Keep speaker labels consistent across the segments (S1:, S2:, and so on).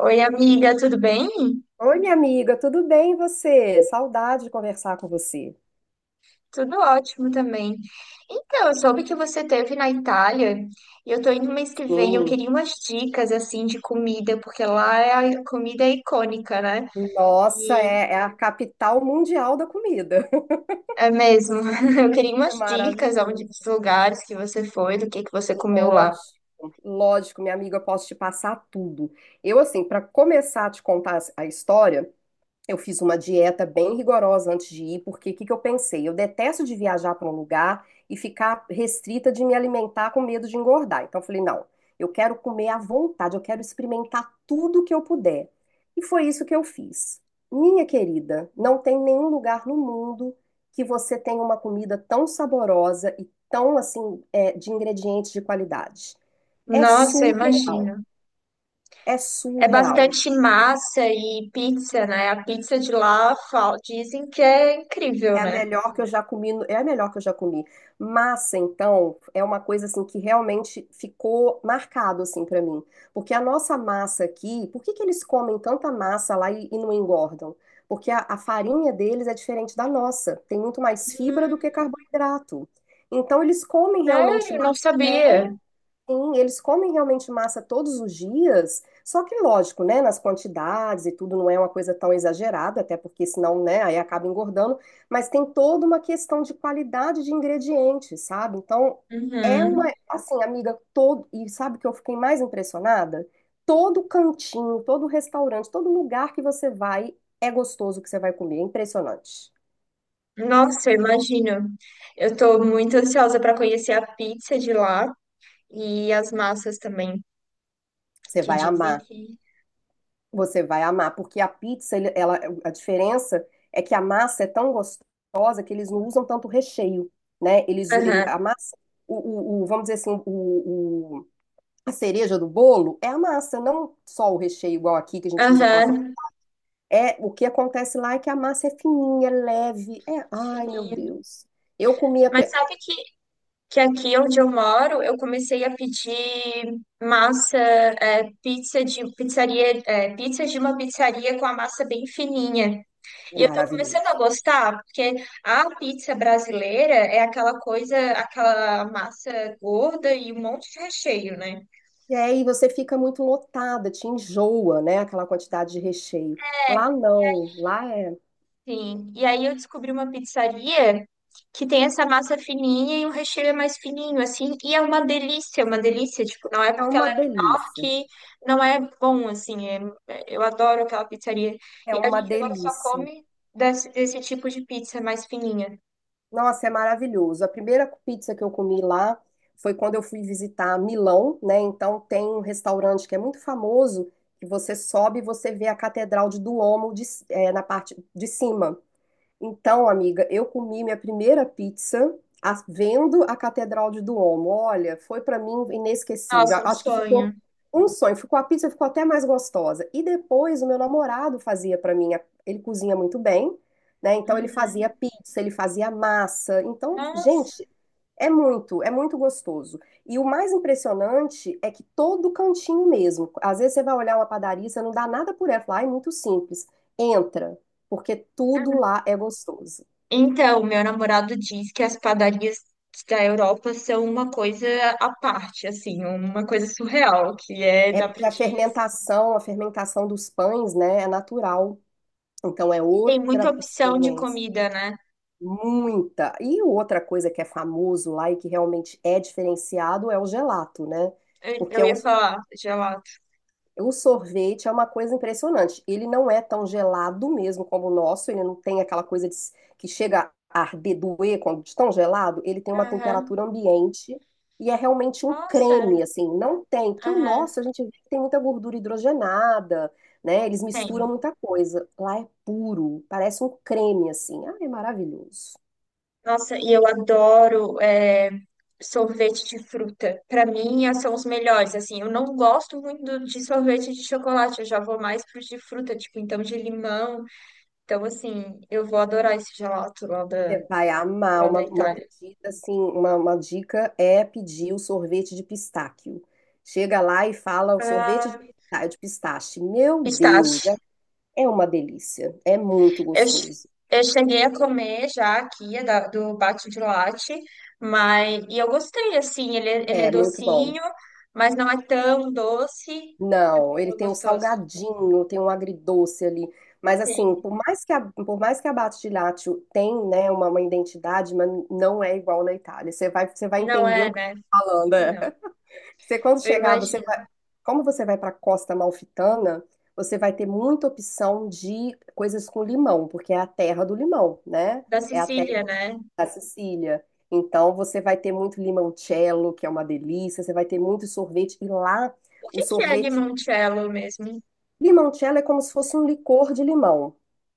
S1: Oi, amiga, tudo bem?
S2: Oi, minha amiga, tudo bem e você? Saudade de conversar com você.
S1: Tudo ótimo também. Então, eu soube que você esteve na Itália e eu tô indo mês que vem. Eu
S2: Sim.
S1: queria umas dicas assim de comida, porque lá a comida é icônica, né?
S2: Nossa,
S1: E
S2: é a capital mundial da comida.
S1: é mesmo. Eu queria
S2: É
S1: umas dicas onde, dos
S2: maravilhoso.
S1: lugares que você foi, do que você comeu lá.
S2: Lógico, lógico, minha amiga, eu posso te passar tudo. Eu, assim, para começar a te contar a história, eu fiz uma dieta bem rigorosa antes de ir, porque o que que eu pensei? Eu detesto de viajar para um lugar e ficar restrita de me alimentar com medo de engordar. Então eu falei, não, eu quero comer à vontade, eu quero experimentar tudo que eu puder. E foi isso que eu fiz. Minha querida, não tem nenhum lugar no mundo que você tenha uma comida tão saborosa e tão assim, de ingredientes de qualidade. É
S1: Nossa, eu
S2: surreal,
S1: imagino.
S2: é
S1: É
S2: surreal.
S1: bastante massa e pizza, né? A pizza de lá dizem que é incrível,
S2: É a
S1: né?
S2: melhor que eu já comi, é a melhor que eu já comi. Massa, então, é uma coisa assim que realmente ficou marcado assim para mim, porque a nossa massa aqui, por que que eles comem tanta massa lá e não engordam? Porque a farinha deles é diferente da nossa, tem muito mais fibra do que carboidrato. Então eles comem realmente
S1: Sério, não
S2: massa.
S1: sabia.
S2: Sim, eles comem realmente massa todos os dias, só que lógico, né, nas quantidades e tudo não é uma coisa tão exagerada, até porque senão, né, aí acaba engordando, mas tem toda uma questão de qualidade de ingredientes, sabe? Então, é uma,
S1: Uhum.
S2: assim, amiga, e sabe o que eu fiquei mais impressionada? Todo cantinho, todo restaurante, todo lugar que você vai, é gostoso o que você vai comer, é impressionante.
S1: Nossa, eu imagino. Eu tô muito ansiosa para conhecer a pizza de lá e as massas também,
S2: Você
S1: que
S2: vai
S1: dizem
S2: amar.
S1: que.
S2: Você vai amar, porque a pizza, ela, a diferença é que a massa é tão gostosa que eles não usam tanto recheio, né? Eles, ele,
S1: Aham,
S2: a massa, o, vamos dizer assim, a cereja do bolo é a massa, não só o recheio igual aqui que a gente usa aquela coisa.
S1: aham,
S2: É, o que acontece lá é que a massa é fininha, é leve, ai meu
S1: fininho.
S2: Deus. Eu comia,
S1: Mas sabe que aqui onde eu moro, eu comecei a pedir massa, pizza de pizzaria, pizza de uma pizzaria com a massa bem fininha.
S2: é
S1: E eu tô começando a
S2: maravilhoso.
S1: gostar, porque a pizza brasileira é aquela coisa, aquela massa gorda e um monte de recheio, né?
S2: E aí você fica muito lotada, te enjoa, né? Aquela quantidade de recheio. Lá não, lá é,
S1: Sim. E aí eu descobri uma pizzaria que tem essa massa fininha e o recheio é mais fininho, assim, e é uma delícia, tipo, não é
S2: é
S1: porque ela
S2: uma
S1: é
S2: delícia.
S1: que não é bom, assim, eu adoro aquela pizzaria.
S2: É
S1: E a
S2: uma
S1: gente agora só
S2: delícia.
S1: come desse tipo de pizza mais fininha.
S2: Nossa, é maravilhoso. A primeira pizza que eu comi lá foi quando eu fui visitar Milão, né? Então tem um restaurante que é muito famoso, que você sobe e você vê a Catedral de Duomo na parte de cima. Então, amiga, eu comi minha primeira pizza vendo a Catedral de Duomo. Olha, foi para mim inesquecível.
S1: Nossa, um
S2: Acho que ficou
S1: sonho.
S2: um sonho. Ficou a pizza ficou até mais gostosa. E depois o meu namorado fazia para mim. Ele cozinha muito bem, né? Então ele fazia
S1: Uhum.
S2: pizza, ele fazia massa. Então,
S1: Nossa.
S2: gente, é muito gostoso. E o mais impressionante é que todo cantinho mesmo. Às vezes você vai olhar uma padaria, você não dá nada por ela, fala, "Ai, muito simples. Entra porque tudo lá é gostoso.
S1: Então, meu namorado diz que as padarias da Europa são uma coisa à parte, assim, uma coisa surreal, que é,
S2: É
S1: dá pra
S2: porque
S1: ti
S2: a fermentação dos pães, né, é natural. Então é
S1: E tem muita
S2: outra
S1: opção de
S2: experiência.
S1: comida, né?
S2: Muita. E outra coisa que é famoso lá e que realmente é diferenciado é o gelato, né?
S1: Eu,
S2: Porque
S1: eu
S2: é um
S1: ia falar gelato.
S2: O sorvete é uma coisa impressionante. Ele não é tão gelado mesmo como o nosso, ele não tem aquela coisa de, que chega a arder, doer quando de tão gelado. Ele tem uma
S1: Aham.
S2: temperatura ambiente e é realmente um
S1: Nossa,
S2: creme, assim. Não tem, porque o
S1: aham,
S2: nosso a gente vê que tem muita gordura hidrogenada, né? Eles misturam
S1: tem.
S2: muita coisa. Lá é puro, parece um creme, assim. Ah, é maravilhoso.
S1: Nossa, e eu adoro é, sorvete de fruta. Pra mim, são os melhores. Assim, eu não gosto muito de sorvete de chocolate. Eu já vou mais pros de fruta, tipo, então de limão. Então, assim, eu vou adorar esse gelato
S2: Você vai amar
S1: lá da
S2: uma
S1: Itália.
S2: pedida, assim, uma dica é pedir o sorvete de pistáquio. Chega lá e fala o sorvete
S1: Ah,
S2: de pistache. Meu Deus,
S1: pistache.
S2: é uma delícia. É muito
S1: Eu,
S2: gostoso.
S1: eu cheguei a comer já aqui, do bate de latte, mas e eu gostei, assim, ele, ele é
S2: É muito bom.
S1: docinho, mas não é tão doce. É
S2: Não,
S1: bom,
S2: ele
S1: é
S2: tem um
S1: gostoso.
S2: salgadinho, tem um agridoce ali. Mas assim,
S1: Sim.
S2: por mais que a Bate de tem, né, uma identidade, mas não é igual na Itália. Você vai
S1: Não
S2: entender
S1: é,
S2: o que eu
S1: né?
S2: tô falando. É.
S1: Não.
S2: Você quando
S1: Eu
S2: chegar, você vai,
S1: imagino.
S2: como você vai para a Costa Malfitana você vai ter muita opção de coisas com limão, porque é a terra do limão, né?
S1: Da
S2: É a terra
S1: Sicília, né?
S2: da Sicília. Então você vai ter muito limoncello, que é uma delícia, você vai ter muito sorvete e lá
S1: O
S2: o
S1: que que é
S2: sorvete
S1: limoncello mesmo?
S2: limoncello é como se fosse um licor de limão.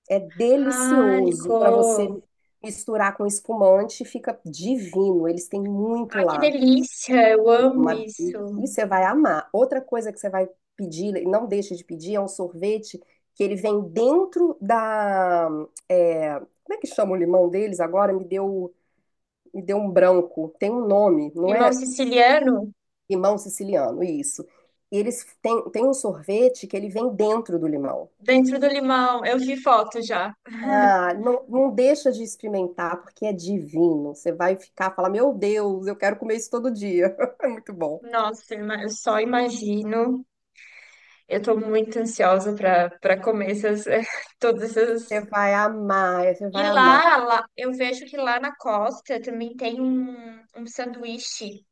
S2: É
S1: Ah,
S2: delicioso para
S1: licor.
S2: você misturar com espumante, fica divino. Eles têm muito
S1: Ai, que
S2: lá.
S1: delícia! Eu amo isso.
S2: E você vai amar. Outra coisa que você vai pedir, e não deixe de pedir, é um sorvete que ele vem dentro da. É, como é que chama o limão deles agora? Me deu um branco. Tem um nome, não
S1: Limão
S2: é
S1: siciliano
S2: limão siciliano, isso. E eles têm, tem um sorvete que ele vem dentro do limão.
S1: dentro do limão. Eu vi foto já.
S2: Ah, não, não deixa de experimentar, porque é divino. Você vai ficar, falar, meu Deus, eu quero comer isso todo dia. É muito bom.
S1: Nossa, eu só imagino. Eu tô muito ansiosa para para comer essas, todas
S2: Você
S1: essas.
S2: vai amar, você
S1: E
S2: vai amar.
S1: lá, eu vejo que lá na costa também tem um, um sanduíche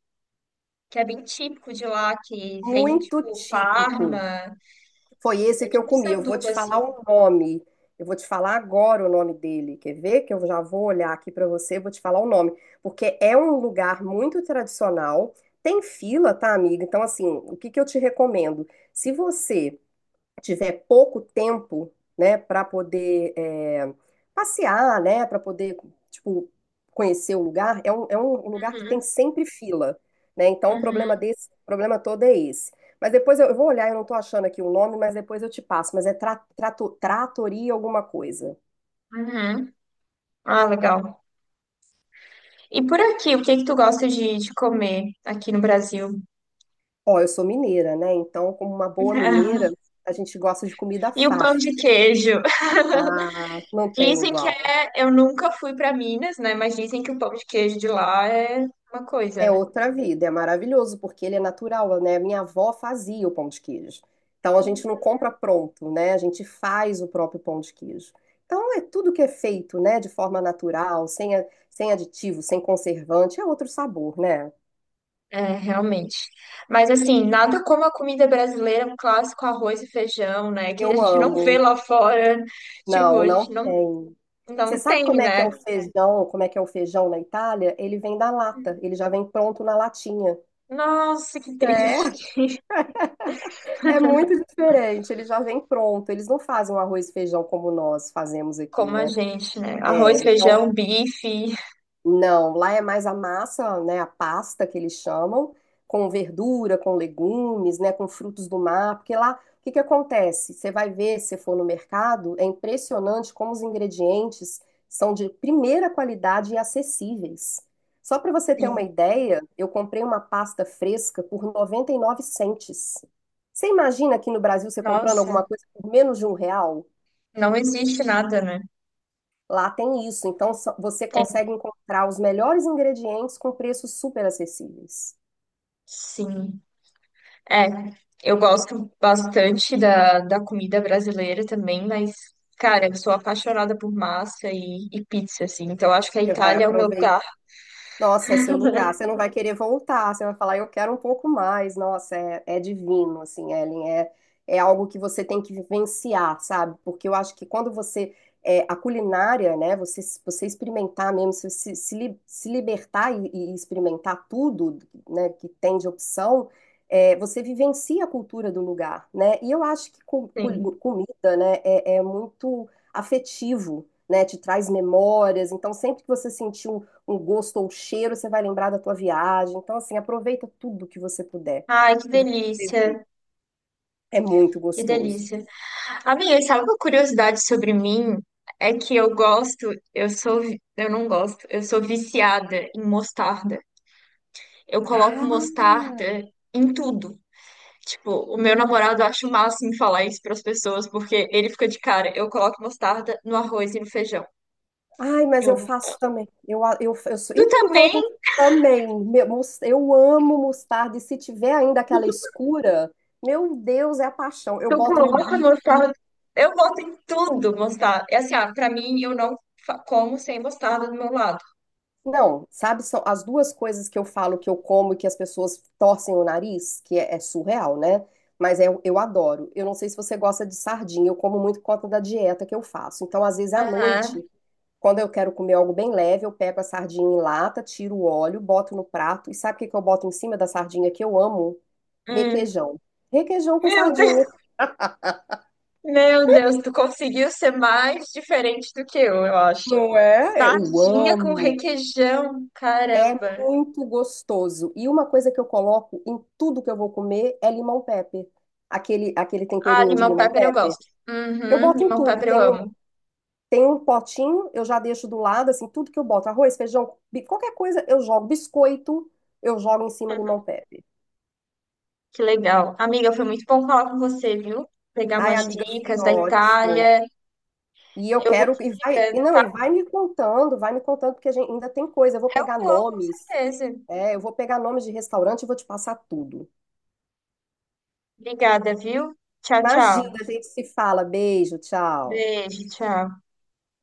S1: que é bem típico de lá, que vem
S2: Muito
S1: tipo
S2: típico.
S1: Parma,
S2: Foi esse
S1: é
S2: que eu
S1: tipo um
S2: comi. Eu vou
S1: sanduba
S2: te
S1: assim.
S2: falar o nome. Eu vou te falar agora o nome dele. Quer ver? Que eu já vou olhar aqui para você, vou te falar o nome, porque é um lugar muito tradicional. Tem fila, tá, amiga? Então, assim, o que que eu te recomendo? Se você tiver pouco tempo, né, para poder passear, né, para poder, tipo, conhecer o lugar, é um lugar que tem
S1: Uhum,
S2: sempre fila, né? Então, o problema
S1: uhum,
S2: desse, o problema todo é esse. Mas depois eu vou olhar, eu não tô achando aqui o nome, mas depois eu te passo. Mas é tratoria alguma coisa.
S1: uhum. Ah, legal. E por aqui, o que que tu gosta de comer aqui no Brasil?
S2: Ó, eu sou mineira, né? Então, como uma boa mineira, a gente gosta de comida
S1: E o pão
S2: farta.
S1: de queijo?
S2: Ah, não tem
S1: Dizem que
S2: igual.
S1: é, eu nunca fui para Minas, né? Mas dizem que o pão de queijo de lá é uma coisa,
S2: É
S1: né?
S2: outra vida, é maravilhoso, porque ele é natural, né? Minha avó fazia o pão de queijo. Então a gente não compra pronto, né? A gente faz o próprio pão de queijo. Então é tudo que é feito, né, de forma natural, sem aditivo, sem conservante, é outro sabor, né?
S1: É, realmente. Mas assim, nada como a comida brasileira, um clássico arroz e feijão, né? Que a
S2: Eu
S1: gente não vê
S2: amo.
S1: lá fora. Tipo,
S2: Não,
S1: a
S2: não
S1: gente não,
S2: tem. Você
S1: não
S2: sabe
S1: tem,
S2: como é que é
S1: né?
S2: o feijão, como é que é o feijão na Itália? Ele vem da lata, ele já vem pronto na latinha.
S1: Nossa, que
S2: É,
S1: triste.
S2: É muito diferente, ele já vem pronto. Eles não fazem um arroz e feijão como nós fazemos aqui,
S1: Como a
S2: né?
S1: gente, né?
S2: É,
S1: Arroz,
S2: então
S1: feijão, bife.
S2: não, lá é mais a massa, né, a pasta que eles chamam, com verdura, com legumes, né, com frutos do mar, porque lá o que que acontece? Você vai ver, se for no mercado, é impressionante como os ingredientes são de primeira qualidade e acessíveis. Só para você ter uma
S1: Sim.
S2: ideia, eu comprei uma pasta fresca por 99 centes. Você imagina aqui no Brasil você comprando
S1: Nossa,
S2: alguma coisa por menos de R$ 1?
S1: não existe nada, né?
S2: Lá tem isso, então você
S1: Tem.
S2: consegue encontrar os melhores ingredientes com preços super acessíveis.
S1: Sim. É, eu gosto bastante da, da comida brasileira também, mas, cara, eu sou apaixonada por massa e pizza, assim. Então, eu acho que a
S2: Você
S1: Itália é o meu
S2: vai
S1: lugar.
S2: Nossa, é seu lugar. Você não vai querer voltar. Você vai falar, eu quero um pouco mais. Nossa, é divino, assim, Ellen. É algo que você tem que vivenciar, sabe? Porque eu acho que quando você. A culinária, né? Você experimentar mesmo, você se libertar e experimentar tudo, né, que tem de opção, você vivencia a cultura do lugar, né? E eu acho que
S1: Sim.
S2: comida, né, é muito afetivo né, te traz memórias. Então, sempre que você sentir um gosto ou um cheiro, você vai lembrar da tua viagem. Então, assim, aproveita tudo que você puder,
S1: Ai, que
S2: tudo que você vê.
S1: delícia,
S2: É muito
S1: que
S2: gostoso.
S1: delícia. Amiga, sabe uma curiosidade sobre mim? É que eu não gosto, eu sou viciada em mostarda. Eu coloco
S2: Ah,
S1: mostarda em tudo. Tipo, o meu namorado acha o máximo falar isso para as pessoas, porque ele fica de cara. Eu coloco mostarda no arroz e no feijão.
S2: ai, mas eu
S1: Eu,
S2: faço também. Eu sou.
S1: tu
S2: Ih, então
S1: também?
S2: eu também. Eu amo mostarda. E se tiver ainda aquela escura, meu Deus, é a paixão. Eu
S1: Tu
S2: boto no
S1: coloca
S2: bife.
S1: mostarda? Eu boto em tudo mostarda. É assim, ah, pra mim, eu não como sem mostarda do meu lado.
S2: Não, sabe, são as duas coisas que eu falo que eu como e que as pessoas torcem o nariz, que é surreal, né? Mas é, eu adoro. Eu não sei se você gosta de sardinha, eu como muito por conta da dieta que eu faço. Então, às vezes à
S1: Aham.
S2: noite, quando eu quero comer algo bem leve, eu pego a sardinha em lata, tiro o óleo, boto no prato. E sabe o que que eu boto em cima da sardinha que eu amo? Requeijão. Requeijão com
S1: Meu Deus,
S2: sardinha.
S1: meu Deus, tu conseguiu ser mais diferente do que eu acho.
S2: Não é? Eu
S1: Sardinha com
S2: amo.
S1: requeijão,
S2: É
S1: caramba.
S2: muito gostoso. E uma coisa que eu coloco em tudo que eu vou comer é limão pepper. Aquele
S1: Ah,
S2: temperinho de
S1: limão
S2: limão
S1: pepper eu
S2: pepper.
S1: gosto.
S2: Eu
S1: Uhum,
S2: boto em
S1: limão
S2: tudo.
S1: pepper eu
S2: Tem um,
S1: amo.
S2: tem um potinho, eu já deixo do lado, assim, tudo que eu boto. Arroz, feijão, qualquer coisa, eu jogo. Biscoito, eu jogo em cima limão pepper.
S1: Que legal. Amiga, foi muito bom falar com você, viu? Pegar
S2: Ai,
S1: umas
S2: amiga, foi
S1: dicas da
S2: ótimo.
S1: Itália.
S2: E eu
S1: Eu vou
S2: quero, e
S1: desligando,
S2: não,
S1: tá?
S2: e vai me contando, porque a gente ainda tem coisa. Eu vou
S1: Eu
S2: pegar
S1: vou, com
S2: nomes,
S1: certeza.
S2: eu vou pegar nomes de restaurante e vou te passar tudo.
S1: Obrigada, viu? Tchau,
S2: Imagina,
S1: tchau.
S2: a gente se fala. Beijo, tchau.
S1: Beijo, tchau.